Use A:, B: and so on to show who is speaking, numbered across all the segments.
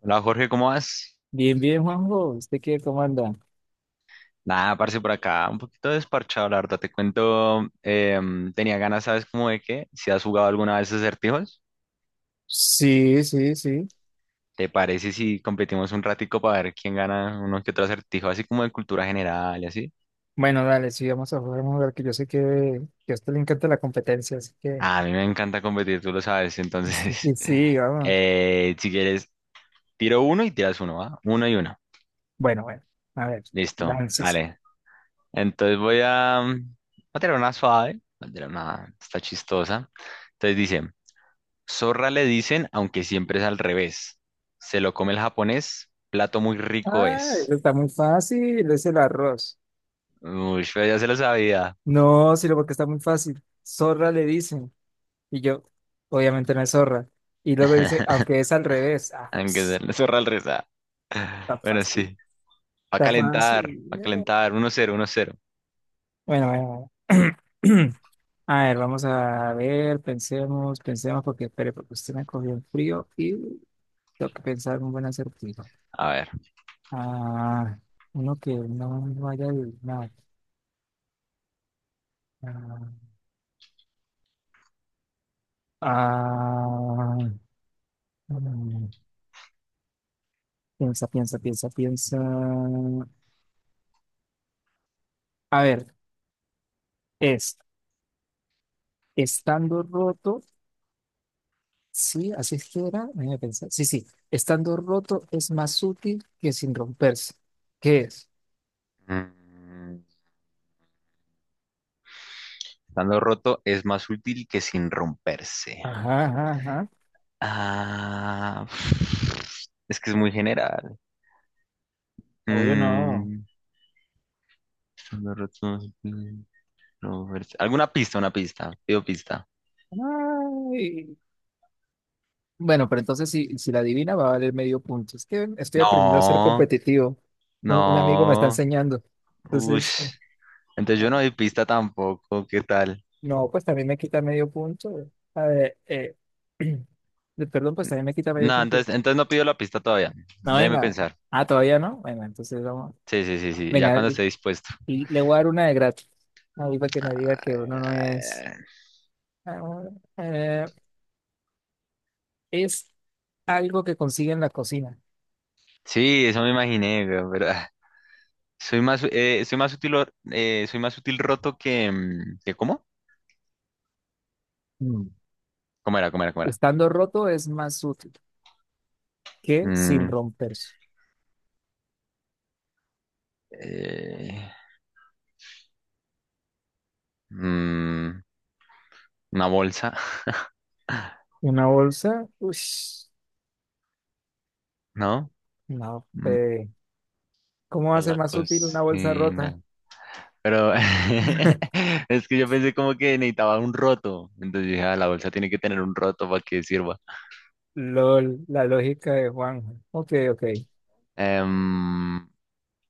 A: Hola Jorge, ¿cómo vas?
B: Bien, bien, Juanjo. ¿Usted qué, cómo anda?
A: Nada, parce, por acá, un poquito desparchado, la verdad, te cuento, tenía ganas, ¿sabes cómo de qué? Si has jugado alguna vez acertijos,
B: Sí, sí, sí.
A: ¿te parece si competimos un ratico para ver quién gana uno que otro acertijo, así como de cultura general y así?
B: Bueno, dale, sí, vamos a jugar vamos a lugar que yo sé que a usted le encanta la competencia, así que
A: Ah, a mí me encanta competir, tú lo sabes,
B: sí,
A: entonces,
B: sí, vamos.
A: si quieres, tiro uno y tiras uno, ¿va? Uno y uno,
B: Bueno, bueno, a ver,
A: listo,
B: láncese.
A: vale. Entonces voy a tirar una suave, voy a tirar una, está chistosa. Entonces dice... Zorra le dicen, aunque siempre es al revés. Se lo come el japonés, plato muy rico
B: Ah, eso
A: es.
B: está muy fácil, es el arroz.
A: Uy, pero ya se lo sabía.
B: No, sino porque está muy fácil. Zorra le dicen, y yo, obviamente no es zorra. Y luego dice, aunque es al revés. Ah,
A: Aunque sea
B: ps,
A: la zorra al revés.
B: está
A: Ah. Bueno, sí.
B: fácil,
A: Va a
B: está fácil.
A: calentar, va a calentar. Uno cero, uno cero.
B: Bueno, bueno, bueno. A ver, vamos a ver, pensemos, pensemos, porque espere, porque usted me cogió el frío y tengo que pensar un buen acertijo.
A: A ver.
B: Ah, uno que no vaya a adivinar. Ah, ah, mm, piensa, piensa, piensa, piensa. A ver, es estando roto, sí, así es que era, déjame pensar. Sí, sí, estando roto es más útil que sin romperse. ¿Qué es?
A: Mm, Estando roto es más útil que sin romperse.
B: Ajá, ajá, ajá.
A: Ah, es que es muy general.
B: Obvio no.
A: Mm, estando roto es más útil que sin romperse. ¿Alguna pista? Una pista. Pido pista.
B: Ay. Bueno, pero entonces si la adivina va a valer medio punto. Es que estoy aprendiendo a ser
A: No.
B: competitivo. Un amigo me está
A: No,
B: enseñando. Entonces,
A: ush. Entonces yo
B: eh,
A: no doy pista tampoco, ¿qué tal?
B: no, pues también me quita medio punto. A ver, perdón, pues también me quita medio
A: No,
B: punto.
A: entonces, entonces no pido la pista todavía.
B: No,
A: Déjeme
B: venga.
A: pensar.
B: Ah, todavía no. Bueno, entonces vamos.
A: Sí, sí, sí, sí, ya
B: Venga,
A: cuando esté dispuesto.
B: y le voy a dar una de gratis. Ahí para que no diga
A: Ay,
B: que uno no
A: ay,
B: es.
A: ay.
B: Ah, eh, es algo que consigue en la cocina.
A: Sí, eso me imaginé, güey, pero ah, soy más soy más útil roto que, que ¿cómo?
B: Mm.
A: ¿Cómo era? ¿Cómo era? ¿Cómo era?
B: Estando roto es más útil que sin
A: Mm,
B: romperse.
A: eh, mm, una bolsa,
B: Una bolsa, uy,
A: ¿no?
B: no,
A: Mm.
B: ¿cómo va a
A: En
B: ser
A: la
B: más útil una bolsa rota?
A: cocina. Pero es que yo pensé como que necesitaba un roto. Entonces yo dije, "Ah, la bolsa tiene que tener un roto para que sirva."
B: LOL, la lógica de Juan. Ok, ok.
A: Em,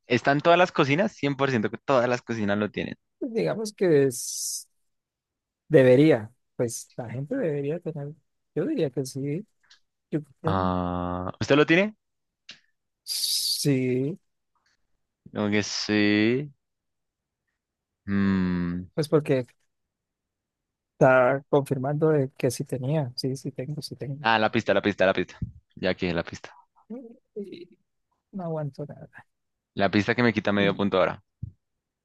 A: ¿está en todas las cocinas? Cien por ciento que todas las cocinas lo tienen.
B: Pues digamos que es, debería, pues la gente debería tener, yo diría que sí, yo, yo-
A: Ah, ¿usted lo tiene?
B: sí,
A: Como que sí. Mm.
B: pues porque está confirmando de que sí tenía, sí, sí tengo, sí tengo.
A: Ah, la pista, la pista, la pista. Ya que la pista.
B: Y no aguanto nada.
A: La pista que me quita medio punto ahora.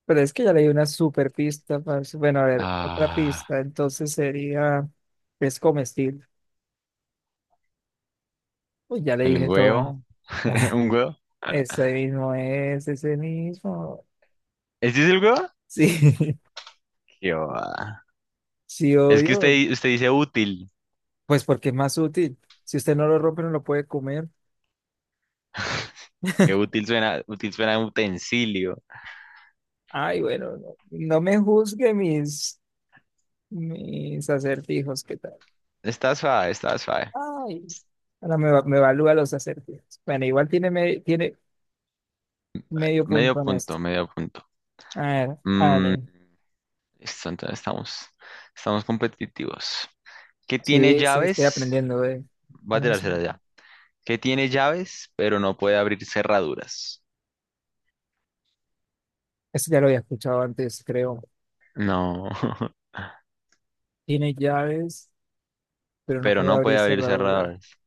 B: Pero es que ya leí una super pista, parce. Bueno, a ver, otra
A: Ah,
B: pista, entonces sería, es comestible. Uy, ya le
A: el
B: dije todo.
A: huevo. ¿Un huevo?
B: Ese mismo es, ese mismo.
A: ¿Este es el huevo?
B: Sí,
A: Qué va.
B: sí,
A: Es que
B: obvio.
A: usted dice útil.
B: Pues porque es más útil. Si usted no lo rompe, no lo puede comer.
A: Qué útil suena un utensilio.
B: Ay, bueno, no, no me juzgue mis acertijos, ¿qué tal?
A: Está suave, está suave.
B: Ay, ahora me, me evalúa los acertijos. Bueno, igual tiene, tiene medio
A: Medio
B: punto en esto.
A: punto, medio punto.
B: A ver,
A: Mm,
B: vale.
A: listo, estamos competitivos. ¿Qué tiene
B: Sí, sí, estoy
A: llaves?
B: aprendiendo, eh.
A: Va a tirársela ya. ¿Qué tiene llaves, pero no puede abrir cerraduras?
B: Esto ya lo había escuchado antes, creo.
A: No,
B: Tiene llaves pero no
A: pero
B: puede
A: no
B: abrir
A: puede abrir
B: cerraduras.
A: cerraduras.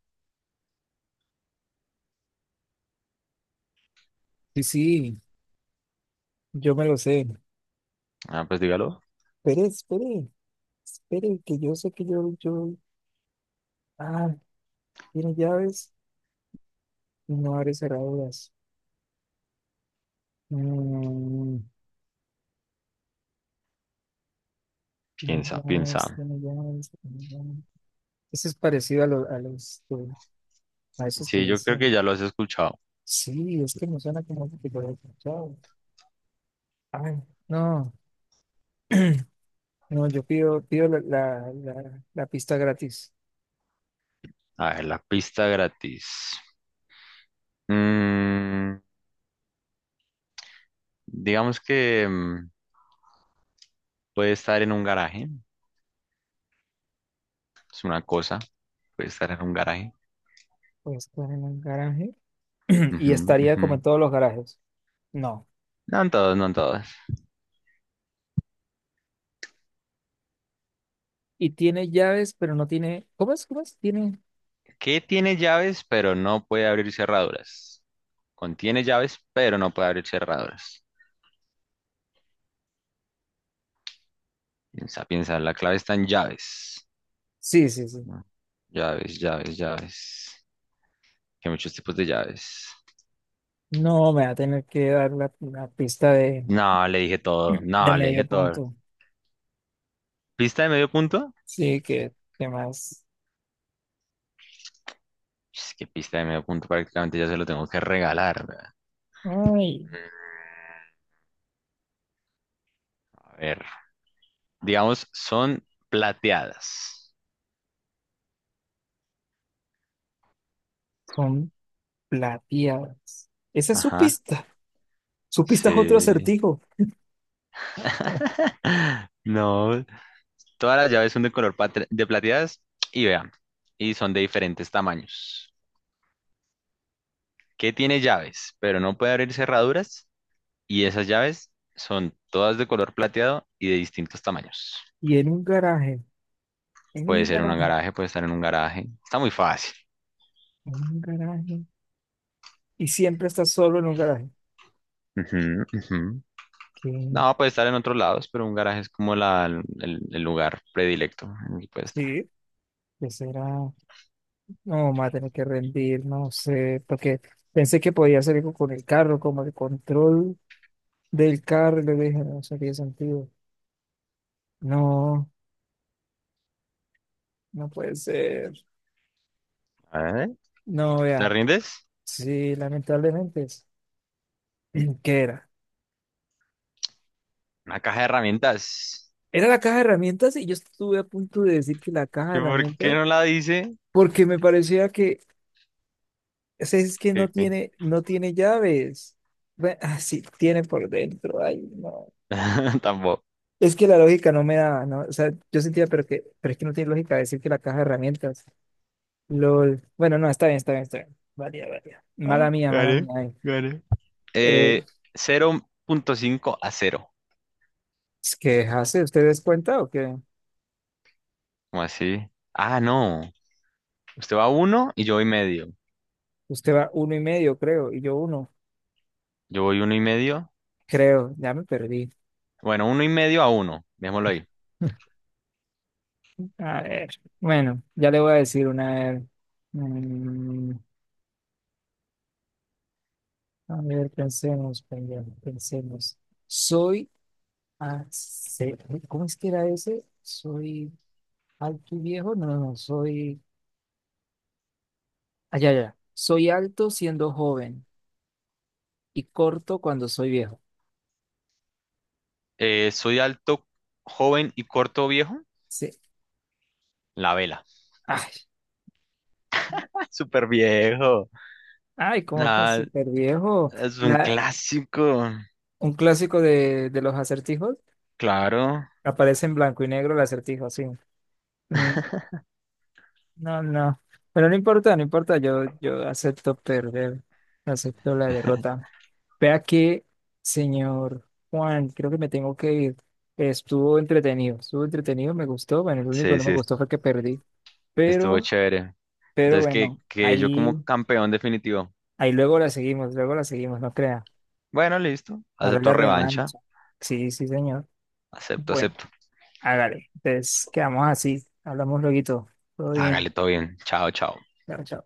B: Sí, sí, yo me lo sé.
A: Ah, pues dígalo.
B: Espere, espere, espere, que yo sé que ah, tiene llaves y no abre cerraduras. Mm, tiene
A: Piensa, piensa.
B: llaves, tiene llaves, tiene llaves. Eso es parecido a a esos que
A: Sí, yo creo que
B: dicen.
A: ya lo has escuchado.
B: Sí, es que me suena como que lo he escuchado. Ay, no, no, yo pido, pido la pista gratis.
A: A ver, la pista gratis. Mm, digamos que... puede estar en un garaje, es una cosa. Puede estar en un garaje.
B: Pues, ¿estar en el garaje? Y
A: Ujú,
B: estaría
A: ujú.
B: como en todos los garajes. No.
A: No en todos, no en todos.
B: Y tiene llaves, pero no tiene. ¿Cómo es? ¿Cómo es? Tiene.
A: ¿Qué tiene llaves, pero no puede abrir cerraduras? Contiene llaves, pero no puede abrir cerraduras. Piensa, piensa, la clave está en llaves.
B: Sí, sí, sí.
A: ¿No? Llaves, llaves, llaves. Que hay muchos tipos de llaves.
B: No, me va a tener que dar la pista
A: No, le dije todo.
B: de
A: No, le dije
B: medio
A: todo.
B: punto.
A: ¿Pista de medio punto?
B: Sí, que demás.
A: Es que pista de medio punto prácticamente ya se lo tengo que regalar. ¿Verdad?
B: Ay,
A: Mm, a ver. Digamos, son plateadas.
B: son plateadas. Esa es su
A: Ajá,
B: pista. Su pista es otro
A: sí.
B: acertijo. Oh,
A: No, todas las llaves son de color de plateadas y vean, y son de diferentes tamaños. ¿Qué tiene llaves? Pero no puede abrir cerraduras, y esas llaves son todas de color plateado y de distintos tamaños.
B: y en un garaje, en
A: Puede
B: un
A: ser en un
B: garaje,
A: garaje, puede estar en un garaje. Está muy fácil.
B: en un garaje. Y siempre está solo en un garaje.
A: Ujú, ujú.
B: ¿Qué?
A: No, puede estar en otros lados, pero un garaje es como el lugar predilecto en el que puede estar.
B: Sí, ¿qué será? No, me va a tener que rendir, no sé, porque pensé que podía hacer algo con el carro, como el control del carro y le dije, no sé qué sentido. No, no puede ser.
A: A ver,
B: No,
A: ¿te
B: vea.
A: rindes?
B: Sí, lamentablemente es. ¿Qué era?
A: Una caja de herramientas.
B: Era la caja de herramientas y yo estuve a punto de decir que la caja de
A: ¿Y por qué
B: herramientas,
A: no la dice?
B: porque me parecía que, o sea, es que no
A: Que, que-
B: tiene, no tiene llaves. Bueno, ah, sí, tiene por dentro. Ay, no.
A: Tampoco.
B: Es que la lógica no me daba, ¿no? O sea, yo sentía, pero que, pero es que no tiene lógica decir que la caja de herramientas. LOL. Bueno, no, está bien, está bien, está bien. Vale, vale. Mala
A: Ah,
B: mía, mala
A: gané,
B: mía. Ay.
A: gané.
B: Eh,
A: Eh, 0.5 a cero.
B: Es que hace, ¿ustedes cuenta o qué?
A: ¿Cómo así? Ah, no. Usted va a 1 y yo voy medio.
B: Usted va uno y medio, creo, y yo uno,
A: Yo voy uno y medio.
B: creo, ya me perdí.
A: Bueno, uno y medio a uno. Dejémoslo ahí.
B: A ver, bueno, ya le voy a decir una vez. Mm, a ver, pensemos, pensemos, pensemos. Soy, ace- ¿Cómo es que era ese? Soy alto y viejo, no, no, soy, allá, ya, ya. Soy alto siendo joven y corto cuando soy viejo.
A: Soy alto, joven y corto viejo.
B: Sí.
A: La vela.
B: Ay,
A: Ah, súper viejo.
B: ay, cómo que
A: Nada,
B: súper viejo.
A: es un
B: La,
A: clásico.
B: Un clásico de los acertijos.
A: Claro.
B: Aparece en blanco y negro el acertijo, sí. Mm, no, no. Pero no importa, no importa. Yo acepto perder. Acepto la derrota. Vea que, señor Juan, creo que me tengo que ir. Estuvo entretenido, me gustó. Bueno, lo único que
A: Sí,
B: no me
A: sí,
B: gustó fue que perdí.
A: estuvo
B: Pero,
A: chévere.
B: pero
A: Entonces,
B: bueno,
A: que yo como
B: ahí,
A: campeón definitivo.
B: ahí luego la seguimos, no crea.
A: Bueno, listo.
B: Ahora
A: Acepto
B: la
A: revancha.
B: revancha. Sí, sí, señor.
A: Acepto,
B: Bueno.
A: acepto.
B: Hágale. Entonces, quedamos así. Hablamos luego. Todo bien.
A: Hágale todo bien. Chao, chao.
B: Chao, chao.